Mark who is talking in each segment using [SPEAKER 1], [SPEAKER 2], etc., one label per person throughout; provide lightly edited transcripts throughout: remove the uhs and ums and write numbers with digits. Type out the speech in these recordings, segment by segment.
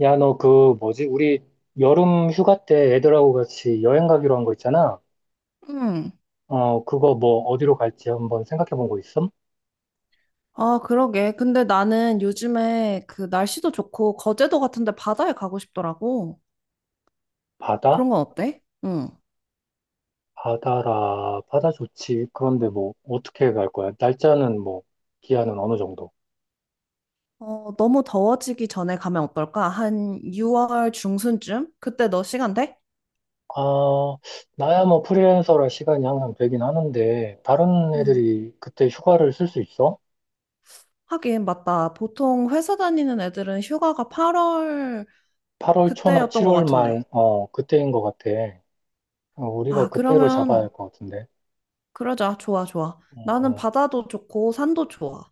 [SPEAKER 1] 야, 너 그 뭐지? 우리 여름 휴가 때 애들하고 같이 여행 가기로 한 거 있잖아.
[SPEAKER 2] 응.
[SPEAKER 1] 어, 그거 뭐 어디로 갈지 한번 생각해 본 거 있음?
[SPEAKER 2] 아, 그러게. 근데 나는 요즘에 그 날씨도 좋고 거제도 같은데 바다에 가고 싶더라고.
[SPEAKER 1] 바다?
[SPEAKER 2] 그런 건 어때? 응.
[SPEAKER 1] 바다라, 바다 좋지. 그런데 뭐 어떻게 갈 거야? 날짜는 뭐 기한은 어느 정도?
[SPEAKER 2] 너무 더워지기 전에 가면 어떨까? 한 6월 중순쯤? 그때 너 시간 돼?
[SPEAKER 1] 아, 나야 뭐 프리랜서라 시간이 항상 되긴 하는데 다른
[SPEAKER 2] 응.
[SPEAKER 1] 애들이 그때 휴가를 쓸 수 있어?
[SPEAKER 2] 하긴, 맞다. 보통 회사 다니는 애들은 휴가가 8월
[SPEAKER 1] 8월 초나
[SPEAKER 2] 그때였던 것
[SPEAKER 1] 7월 말,
[SPEAKER 2] 같은데.
[SPEAKER 1] 그때인 것 같아. 어, 우리가
[SPEAKER 2] 아,
[SPEAKER 1] 그때로 잡아야 할
[SPEAKER 2] 그러면
[SPEAKER 1] 것 같은데.
[SPEAKER 2] 그러자. 좋아, 좋아. 나는
[SPEAKER 1] 어,
[SPEAKER 2] 바다도 좋고 산도 좋아.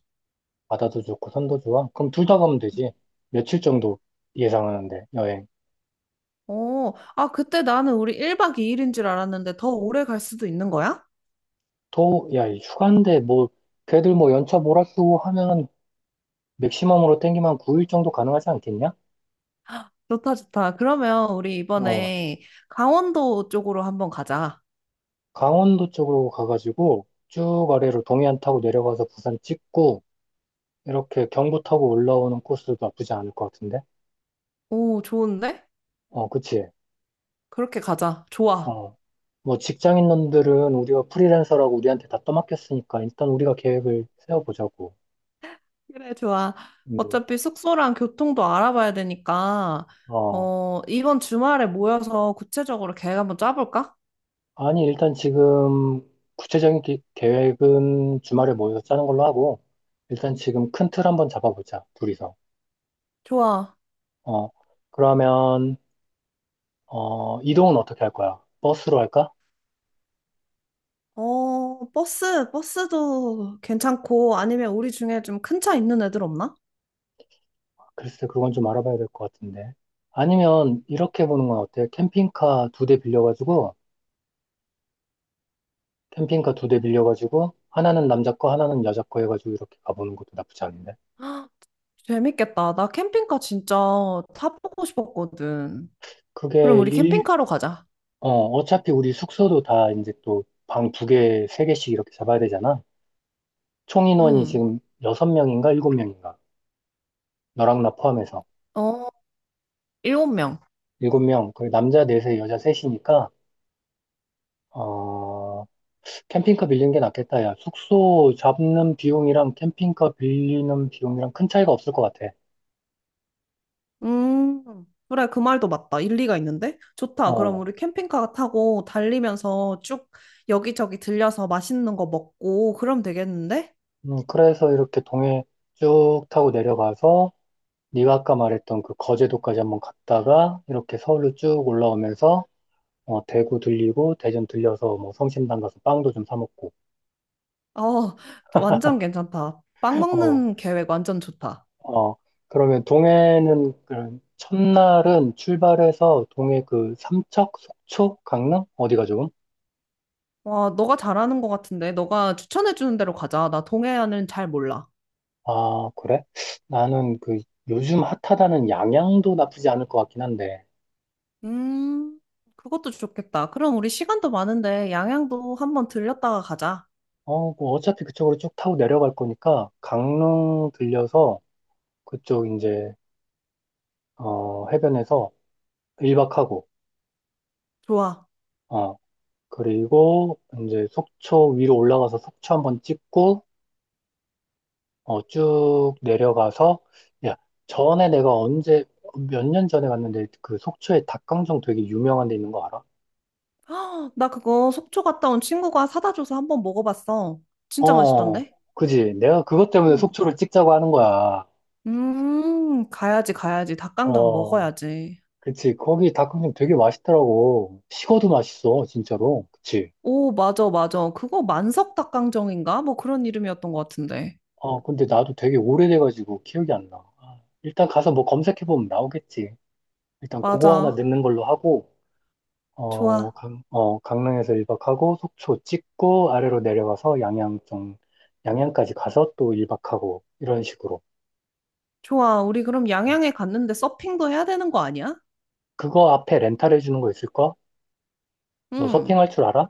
[SPEAKER 1] 바다도 좋고 산도 좋아? 그럼 둘 다 가면 되지. 며칠 정도 예상하는데 여행.
[SPEAKER 2] 그때 나는 우리 1박 2일인 줄 알았는데 더 오래 갈 수도 있는 거야?
[SPEAKER 1] 야, 이 휴가인데 뭐 걔들 뭐 연차 몰아쓰고 하면은 맥시멈으로 땡기면 9일 정도 가능하지 않겠냐?
[SPEAKER 2] 좋다, 좋다. 그러면 우리
[SPEAKER 1] 어,
[SPEAKER 2] 이번에 강원도 쪽으로 한번 가자.
[SPEAKER 1] 강원도 쪽으로 가가지고 쭉 아래로 동해안 타고 내려가서 부산 찍고 이렇게 경부 타고 올라오는 코스도 나쁘지 않을 것 같은데?
[SPEAKER 2] 오, 좋은데?
[SPEAKER 1] 어, 그치?
[SPEAKER 2] 그렇게 가자. 좋아.
[SPEAKER 1] 어, 뭐 직장인 놈들은 우리가 프리랜서라고 우리한테 다 떠맡겼으니까 일단 우리가 계획을 세워보자고.
[SPEAKER 2] 그래, 좋아.
[SPEAKER 1] 음.
[SPEAKER 2] 어차피 숙소랑 교통도 알아봐야 되니까,
[SPEAKER 1] 어.
[SPEAKER 2] 이번 주말에 모여서 구체적으로 계획 한번 짜볼까?
[SPEAKER 1] 아니, 일단 지금 구체적인 계획은 주말에 모여서 짜는 걸로 하고, 일단 지금 큰 틀 한번 잡아보자, 둘이서.
[SPEAKER 2] 좋아.
[SPEAKER 1] 어, 그러면, 이동은 어떻게 할 거야? 버스로 할까?
[SPEAKER 2] 버스도 괜찮고, 아니면 우리 중에 좀 큰 차 있는 애들 없나?
[SPEAKER 1] 글쎄, 그건 좀 알아봐야 될 것 같은데. 아니면, 이렇게 보는 건 어때? 캠핑카 두 대 빌려가지고, 하나는 남자 거, 하나는 여자 거 해가지고 이렇게 가보는 것도 나쁘지 않은데.
[SPEAKER 2] 헉, 재밌겠다. 나 캠핑카 진짜 타보고 싶었거든. 그럼
[SPEAKER 1] 그게
[SPEAKER 2] 우리
[SPEAKER 1] 일,
[SPEAKER 2] 캠핑카로 가자.
[SPEAKER 1] 어차피 우리 숙소도 다 이제 또 방 두 개, 세 개씩 이렇게 잡아야 되잖아. 총 인원이
[SPEAKER 2] 응.
[SPEAKER 1] 지금 6명인가 7명인가? 너랑 나 포함해서
[SPEAKER 2] 어, 일곱 명.
[SPEAKER 1] 7명. 그 남자 넷에 여자 셋이니까 어, 캠핑카 빌리는 게 낫겠다. 야, 숙소 잡는 비용이랑 캠핑카 빌리는 비용이랑 큰 차이가 없을 것 같아.
[SPEAKER 2] 음, 그래, 그 말도 맞다. 일리가 있는데? 좋다. 그럼
[SPEAKER 1] 어.
[SPEAKER 2] 우리 캠핑카 타고 달리면서 쭉 여기저기 들려서 맛있는 거 먹고, 그럼 되겠는데?
[SPEAKER 1] 그래서 이렇게 동해 쭉 타고 내려가서 네가 아까 말했던 그 거제도까지 한번 갔다가 이렇게 서울로 쭉 올라오면서 어, 대구 들리고 대전 들려서 뭐 성심당 가서 빵도 좀 사 먹고
[SPEAKER 2] 어, 완전 괜찮다. 빵
[SPEAKER 1] 어,
[SPEAKER 2] 먹는 계획 완전 좋다.
[SPEAKER 1] 어, 그러면 동해는 그 첫날은 출발해서 동해 그 삼척, 속초, 강릉 어디가 좋음?
[SPEAKER 2] 와, 너가 잘하는 것 같은데? 너가 추천해주는 대로 가자. 나 동해안은 잘 몰라.
[SPEAKER 1] 아, 그래? 나는 그 요즘 핫하다는 양양도 나쁘지 않을 것 같긴 한데.
[SPEAKER 2] 음, 그것도 좋겠다. 그럼 우리 시간도 많은데 양양도 한번 들렸다가 가자.
[SPEAKER 1] 어, 뭐 어차피 그쪽으로 쭉 타고 내려갈 거니까 강릉 들려서 그쪽 이제 해변에서 일박하고
[SPEAKER 2] 좋아.
[SPEAKER 1] 어, 그리고 이제 속초 위로 올라가서 속초 한번 찍고 어, 쭉 내려가서, 야, 전에 내가 언제, 몇 년 전에 갔는데 그 속초에 닭강정 되게 유명한 데 있는 거 알아?
[SPEAKER 2] 아, 나 그거 속초 갔다 온 친구가 사다 줘서 한번 먹어봤어. 진짜
[SPEAKER 1] 어,
[SPEAKER 2] 맛있던데?
[SPEAKER 1] 그지. 내가 그것 때문에
[SPEAKER 2] 응.
[SPEAKER 1] 속초를 찍자고 하는 거야.
[SPEAKER 2] 가야지, 가야지. 닭강정
[SPEAKER 1] 어,
[SPEAKER 2] 먹어야지.
[SPEAKER 1] 그치. 거기 닭강정 되게 맛있더라고. 식어도 맛있어, 진짜로. 그치.
[SPEAKER 2] 오, 맞아, 맞아. 그거 만석 닭강정인가? 뭐 그런 이름이었던 것 같은데.
[SPEAKER 1] 어, 근데 나도 되게 오래돼가지고 기억이 안 나. 아, 일단 가서 뭐 검색해보면 나오겠지. 일단 그거 하나
[SPEAKER 2] 맞아.
[SPEAKER 1] 넣는 걸로 하고,
[SPEAKER 2] 좋아,
[SPEAKER 1] 강릉에서 1박하고 속초 찍고 아래로 내려와서 양양 좀, 양양까지 가서 또 1박하고 이런 식으로.
[SPEAKER 2] 좋아. 우리 그럼
[SPEAKER 1] 음.
[SPEAKER 2] 양양에 갔는데 서핑도 해야 되는 거 아니야?
[SPEAKER 1] 그거 앞에 렌탈해 주는 거 있을까? 너
[SPEAKER 2] 응.
[SPEAKER 1] 서핑할 줄 알아?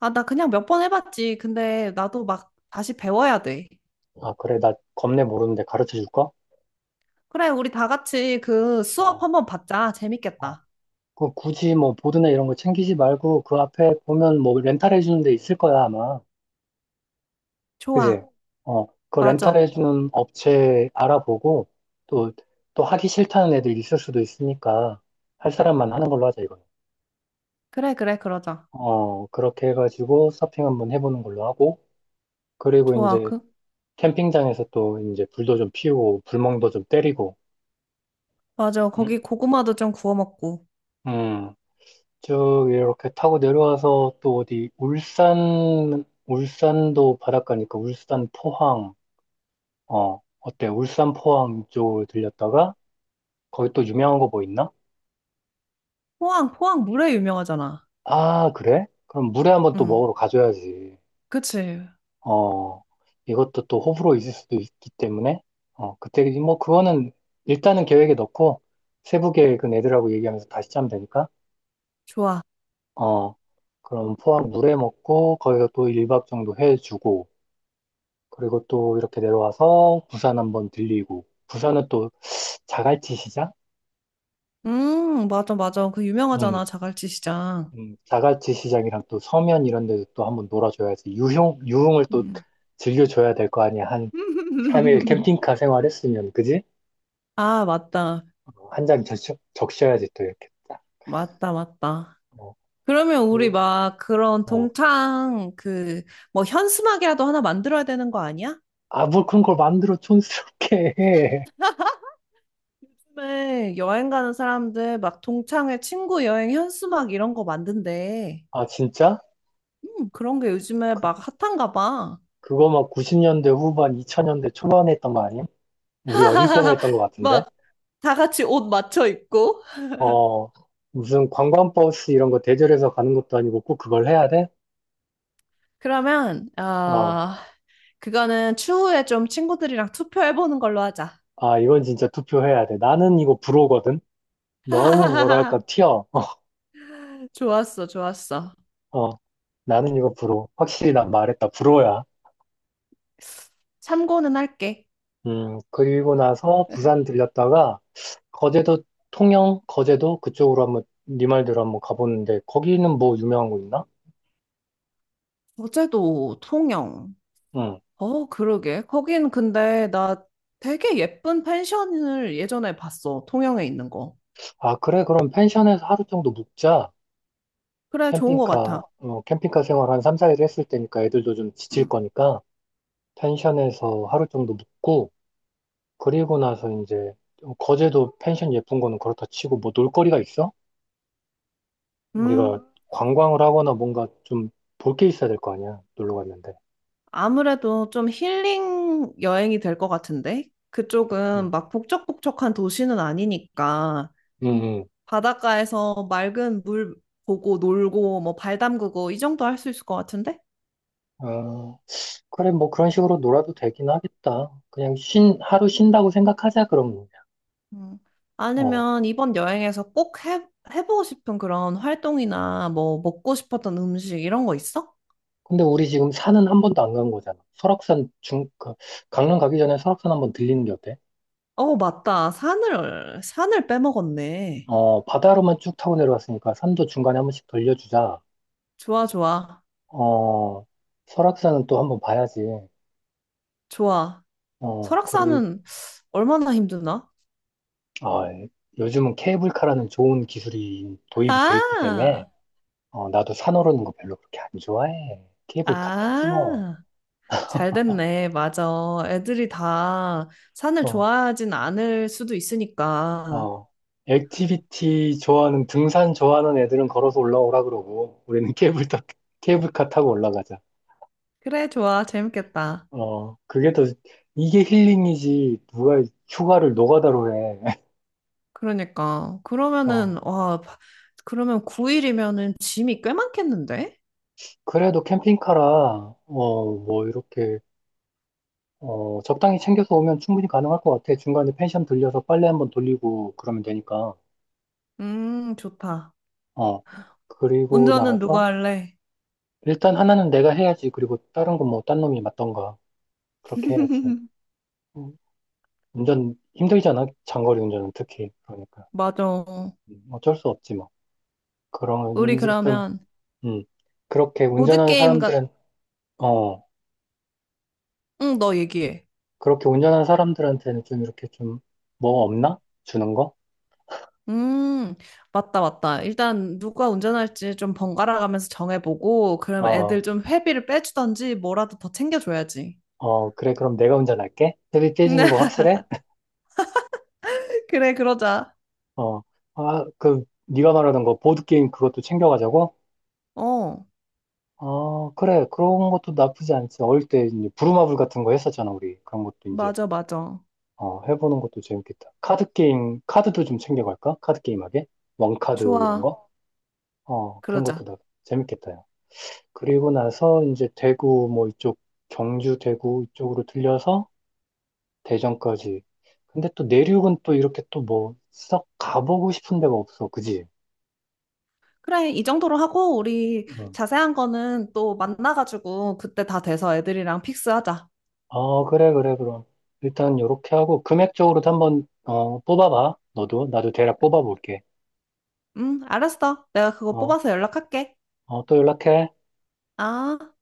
[SPEAKER 2] 아, 나 그냥 몇 번 해봤지. 근데 나도 막 다시 배워야 돼.
[SPEAKER 1] 아, 어, 그래. 나 겁내 모르는데 가르쳐 줄까?
[SPEAKER 2] 그래, 우리 다 같이 그 수업
[SPEAKER 1] 어,
[SPEAKER 2] 한번 받자.
[SPEAKER 1] 어.
[SPEAKER 2] 재밌겠다.
[SPEAKER 1] 그 굳이 뭐 보드나 이런 거 챙기지 말고 그 앞에 보면 뭐 렌탈해 주는 데 있을 거야, 아마. 그지?
[SPEAKER 2] 좋아,
[SPEAKER 1] 어, 그 렌탈해
[SPEAKER 2] 맞아.
[SPEAKER 1] 주는 업체 알아보고 또, 또 하기 싫다는 애들 있을 수도 있으니까 할 사람만 하는 걸로 하자, 이거.
[SPEAKER 2] 그래, 그래, 그러자.
[SPEAKER 1] 어, 그렇게 해가지고 서핑 한번 해보는 걸로 하고, 그리고
[SPEAKER 2] 좋아.
[SPEAKER 1] 이제
[SPEAKER 2] 그,
[SPEAKER 1] 캠핑장에서 또 이제 불도 좀 피우고, 불멍도 좀 때리고,
[SPEAKER 2] 맞아.
[SPEAKER 1] 응?
[SPEAKER 2] 거기 고구마도 좀 구워 먹고.
[SPEAKER 1] 음, 쭉 이렇게 타고 내려와서 또 어디, 울산, 울산도 바닷가니까 울산 포항, 어, 어때? 울산 포항 쪽을 들렸다가, 거기 또 유명한 거 뭐 있나?
[SPEAKER 2] 포항, 포항 물회 유명하잖아.
[SPEAKER 1] 아, 그래? 그럼 물회 한번 또
[SPEAKER 2] 응.
[SPEAKER 1] 먹으러 가줘야지.
[SPEAKER 2] 그치.
[SPEAKER 1] 어, 이것도 또 호불호 있을 수도 있기 때문에, 어, 그때, 뭐, 그거는 일단은 계획에 넣고, 세부 계획은 애들하고 얘기하면서 다시 짜면 되니까,
[SPEAKER 2] 좋아.
[SPEAKER 1] 어, 그럼 포항 물회 먹고, 거기서 또 1박 정도 해주고, 그리고 또 이렇게 내려와서 부산 한번 들리고, 부산은 또 자갈치 시장?
[SPEAKER 2] 맞아, 맞아. 그
[SPEAKER 1] 음,
[SPEAKER 2] 유명하잖아. 자갈치 시장.
[SPEAKER 1] 자갈치 시장이랑 또 서면 이런 데도 또 한번 놀아줘야지. 유흥을 또
[SPEAKER 2] 음.
[SPEAKER 1] 즐겨줘야 될 거 아니야. 한 3일 캠핑카 생활했으면, 그지?
[SPEAKER 2] 아, 맞다.
[SPEAKER 1] 한 장 적셔야지 또 이렇게 딱.
[SPEAKER 2] 맞다, 맞다.
[SPEAKER 1] 어,
[SPEAKER 2] 그러면 우리
[SPEAKER 1] 그,
[SPEAKER 2] 막 그런
[SPEAKER 1] 어.
[SPEAKER 2] 동창 그 뭐 현수막이라도 하나 만들어야 되는 거 아니야?
[SPEAKER 1] 아, 뭐 그런 걸 만들어 촌스럽게 해.
[SPEAKER 2] 요즘에 여행 가는 사람들 막 동창회 친구 여행 현수막 이런 거 만든대.
[SPEAKER 1] 아, 진짜?
[SPEAKER 2] 그런 게 요즘에
[SPEAKER 1] 그,
[SPEAKER 2] 막 핫한가 봐.
[SPEAKER 1] 그거 막 90년대 후반, 2000년대 초반에 했던 거 아니야? 우리 어릴 때나 했던 거 같은데?
[SPEAKER 2] 막 다 같이 옷 맞춰 입고.
[SPEAKER 1] 어, 무슨 관광버스 이런 거 대절해서 가는 것도 아니고 꼭 그걸 해야 돼?
[SPEAKER 2] 그러면,
[SPEAKER 1] 어,
[SPEAKER 2] 어, 그거는 추후에 좀 친구들이랑 투표해보는 걸로 하자.
[SPEAKER 1] 아, 이건 진짜 투표해야 돼. 나는 이거 불호거든? 너무 뭐랄까, 튀어.
[SPEAKER 2] 좋았어, 좋았어.
[SPEAKER 1] 어, 나는 이거 불호. 확실히 난 말했다. 불호야.
[SPEAKER 2] 참고는 할게.
[SPEAKER 1] 그리고 나서 부산 들렸다가 거제도 통영 거제도 그쪽으로 한번 네 말대로 한번 가보는데 거기는 뭐 유명한 거 있나?
[SPEAKER 2] 어제도 통영.
[SPEAKER 1] 응.
[SPEAKER 2] 그러게. 거긴 근데 나 되게 예쁜 펜션을 예전에 봤어. 통영에 있는 거.
[SPEAKER 1] 아, 그래, 그럼 펜션에서 하루 정도 묵자.
[SPEAKER 2] 그래, 좋은 거 같아.
[SPEAKER 1] 캠핑카 생활 한 3, 4일 했을 때니까 애들도 좀 지칠
[SPEAKER 2] 음.
[SPEAKER 1] 거니까 펜션에서 하루 정도 묵고 그리고 나서 이제 거제도 펜션 예쁜 거는 그렇다 치고 뭐 놀거리가 있어?
[SPEAKER 2] 음.
[SPEAKER 1] 우리가 관광을 하거나 뭔가 좀 볼 게 있어야 될 거 아니야 놀러 갔는데.
[SPEAKER 2] 아무래도 좀 힐링 여행이 될 것 같은데?
[SPEAKER 1] 응.
[SPEAKER 2] 그쪽은 막 북적북적한 도시는 아니니까
[SPEAKER 1] 응.
[SPEAKER 2] 바닷가에서 맑은 물 보고 놀고 뭐 발 담그고 이 정도 할 수 있을 것 같은데?
[SPEAKER 1] 응. 그래, 뭐 그런 식으로 놀아도 되긴 하겠다. 그냥 하루
[SPEAKER 2] 음.
[SPEAKER 1] 쉰다고 생각하자, 그러면. 그냥.
[SPEAKER 2] 음.
[SPEAKER 1] 어.
[SPEAKER 2] 아니면 이번 여행에서 꼭 해, 해보고 싶은 그런 활동이나 뭐 먹고 싶었던 음식 이런 거 있어?
[SPEAKER 1] 근데 우리 지금 산은 한 번도 안 간 거잖아. 강릉 가기 전에 설악산 한번 들리는 게 어때?
[SPEAKER 2] 어, 맞다. 산을, 산을 빼먹었네.
[SPEAKER 1] 어, 바다로만 쭉 타고 내려왔으니까 산도 중간에 한 번씩 돌려주자.
[SPEAKER 2] 좋아, 좋아.
[SPEAKER 1] 어, 설악산은 또 한번 봐야지.
[SPEAKER 2] 좋아.
[SPEAKER 1] 어, 그리고,
[SPEAKER 2] 설악산은 얼마나 힘드나?
[SPEAKER 1] 아, 요즘은 케이블카라는 좋은 기술이 도입이 돼 있기
[SPEAKER 2] 아!
[SPEAKER 1] 때문에, 어, 나도 산 오르는 거 별로 그렇게 안 좋아해. 케이블카 타지 뭐.
[SPEAKER 2] 아, 잘 됐네. 맞아. 애들이 다 산을
[SPEAKER 1] 어,
[SPEAKER 2] 좋아하진 않을 수도 있으니까.
[SPEAKER 1] 어, 액티비티 좋아하는, 등산 좋아하는 애들은 걸어서 올라오라 그러고, 우리는 케이블카 타고 올라가자.
[SPEAKER 2] 그래, 좋아. 재밌겠다.
[SPEAKER 1] 어, 이게 힐링이지, 누가 휴가를 노가다로 해.
[SPEAKER 2] 그러니까.
[SPEAKER 1] 어,
[SPEAKER 2] 그러면은, 와, 바- 그러면 9일이면은 짐이 꽤 많겠는데?
[SPEAKER 1] 그래도 캠핑카라, 뭐, 이렇게, 적당히 챙겨서 오면 충분히 가능할 것 같아. 중간에 펜션 들려서 빨래 한번 돌리고 그러면 되니까.
[SPEAKER 2] 좋다.
[SPEAKER 1] 어, 그리고
[SPEAKER 2] 운전은
[SPEAKER 1] 나서,
[SPEAKER 2] 누가 할래?
[SPEAKER 1] 일단 하나는 내가 해야지. 그리고 다른 건 뭐, 딴 놈이 맞던가. 그렇게 해야지. 음. 운전 힘들잖아. 장거리 운전은 특히. 그러니까.
[SPEAKER 2] 맞아.
[SPEAKER 1] 음. 어쩔 수 없지 뭐. 그러면
[SPEAKER 2] 우리
[SPEAKER 1] 이제 좀,
[SPEAKER 2] 그러면
[SPEAKER 1] 음, 그렇게 운전하는
[SPEAKER 2] 보드게임 같,
[SPEAKER 1] 사람들은, 어,
[SPEAKER 2] 응, 너 얘기해.
[SPEAKER 1] 그렇게 운전하는 사람들한테는 좀 이렇게 좀 뭐 없나? 주는 거?
[SPEAKER 2] 음, 맞다, 맞다. 일단 누가 운전할지 좀 번갈아 가면서 정해보고, 그럼
[SPEAKER 1] 어,
[SPEAKER 2] 애들 좀 회비를 빼주던지 뭐라도 더 챙겨줘야지.
[SPEAKER 1] 그래. 그럼 내가 운전할게. 스비 깨지는 거 확실해?
[SPEAKER 2] 네, 그래, 그러자.
[SPEAKER 1] 어, 아, 네가 말하던 거 보드게임 그것도 챙겨가자고?
[SPEAKER 2] 어,
[SPEAKER 1] 어, 그래. 그런 것도 나쁘지 않지. 어릴 때 이제 부루마블 같은 거 했었잖아, 우리. 그런 것도 이제
[SPEAKER 2] 맞아, 맞아.
[SPEAKER 1] 해보는 것도 재밌겠다. 카드 게임, 카드도 좀 챙겨갈까? 카드 게임하게? 원카드 이런
[SPEAKER 2] 좋아,
[SPEAKER 1] 거? 그런
[SPEAKER 2] 그러자.
[SPEAKER 1] 것도 나 재밌겠다. 요 그리고 나서 이제 대구 뭐 이쪽, 경주, 대구 이쪽으로 들려서 대전까지. 근데 또 내륙은 또 이렇게 또 뭐 썩 가보고 싶은 데가 없어. 그지?
[SPEAKER 2] 그래, 이 정도로 하고, 우리
[SPEAKER 1] 응.
[SPEAKER 2] 자세한 거는 또 만나가지고, 그때 다 돼서 애들이랑 픽스하자.
[SPEAKER 1] 어, 그래, 그래, 그럼. 일단 요렇게 하고 금액적으로도 한번, 뽑아봐. 너도. 나도 대략 뽑아볼게.
[SPEAKER 2] 응, 알았어. 내가 그거
[SPEAKER 1] 어,
[SPEAKER 2] 뽑아서 연락할게.
[SPEAKER 1] 어, 또 연락해.
[SPEAKER 2] 아.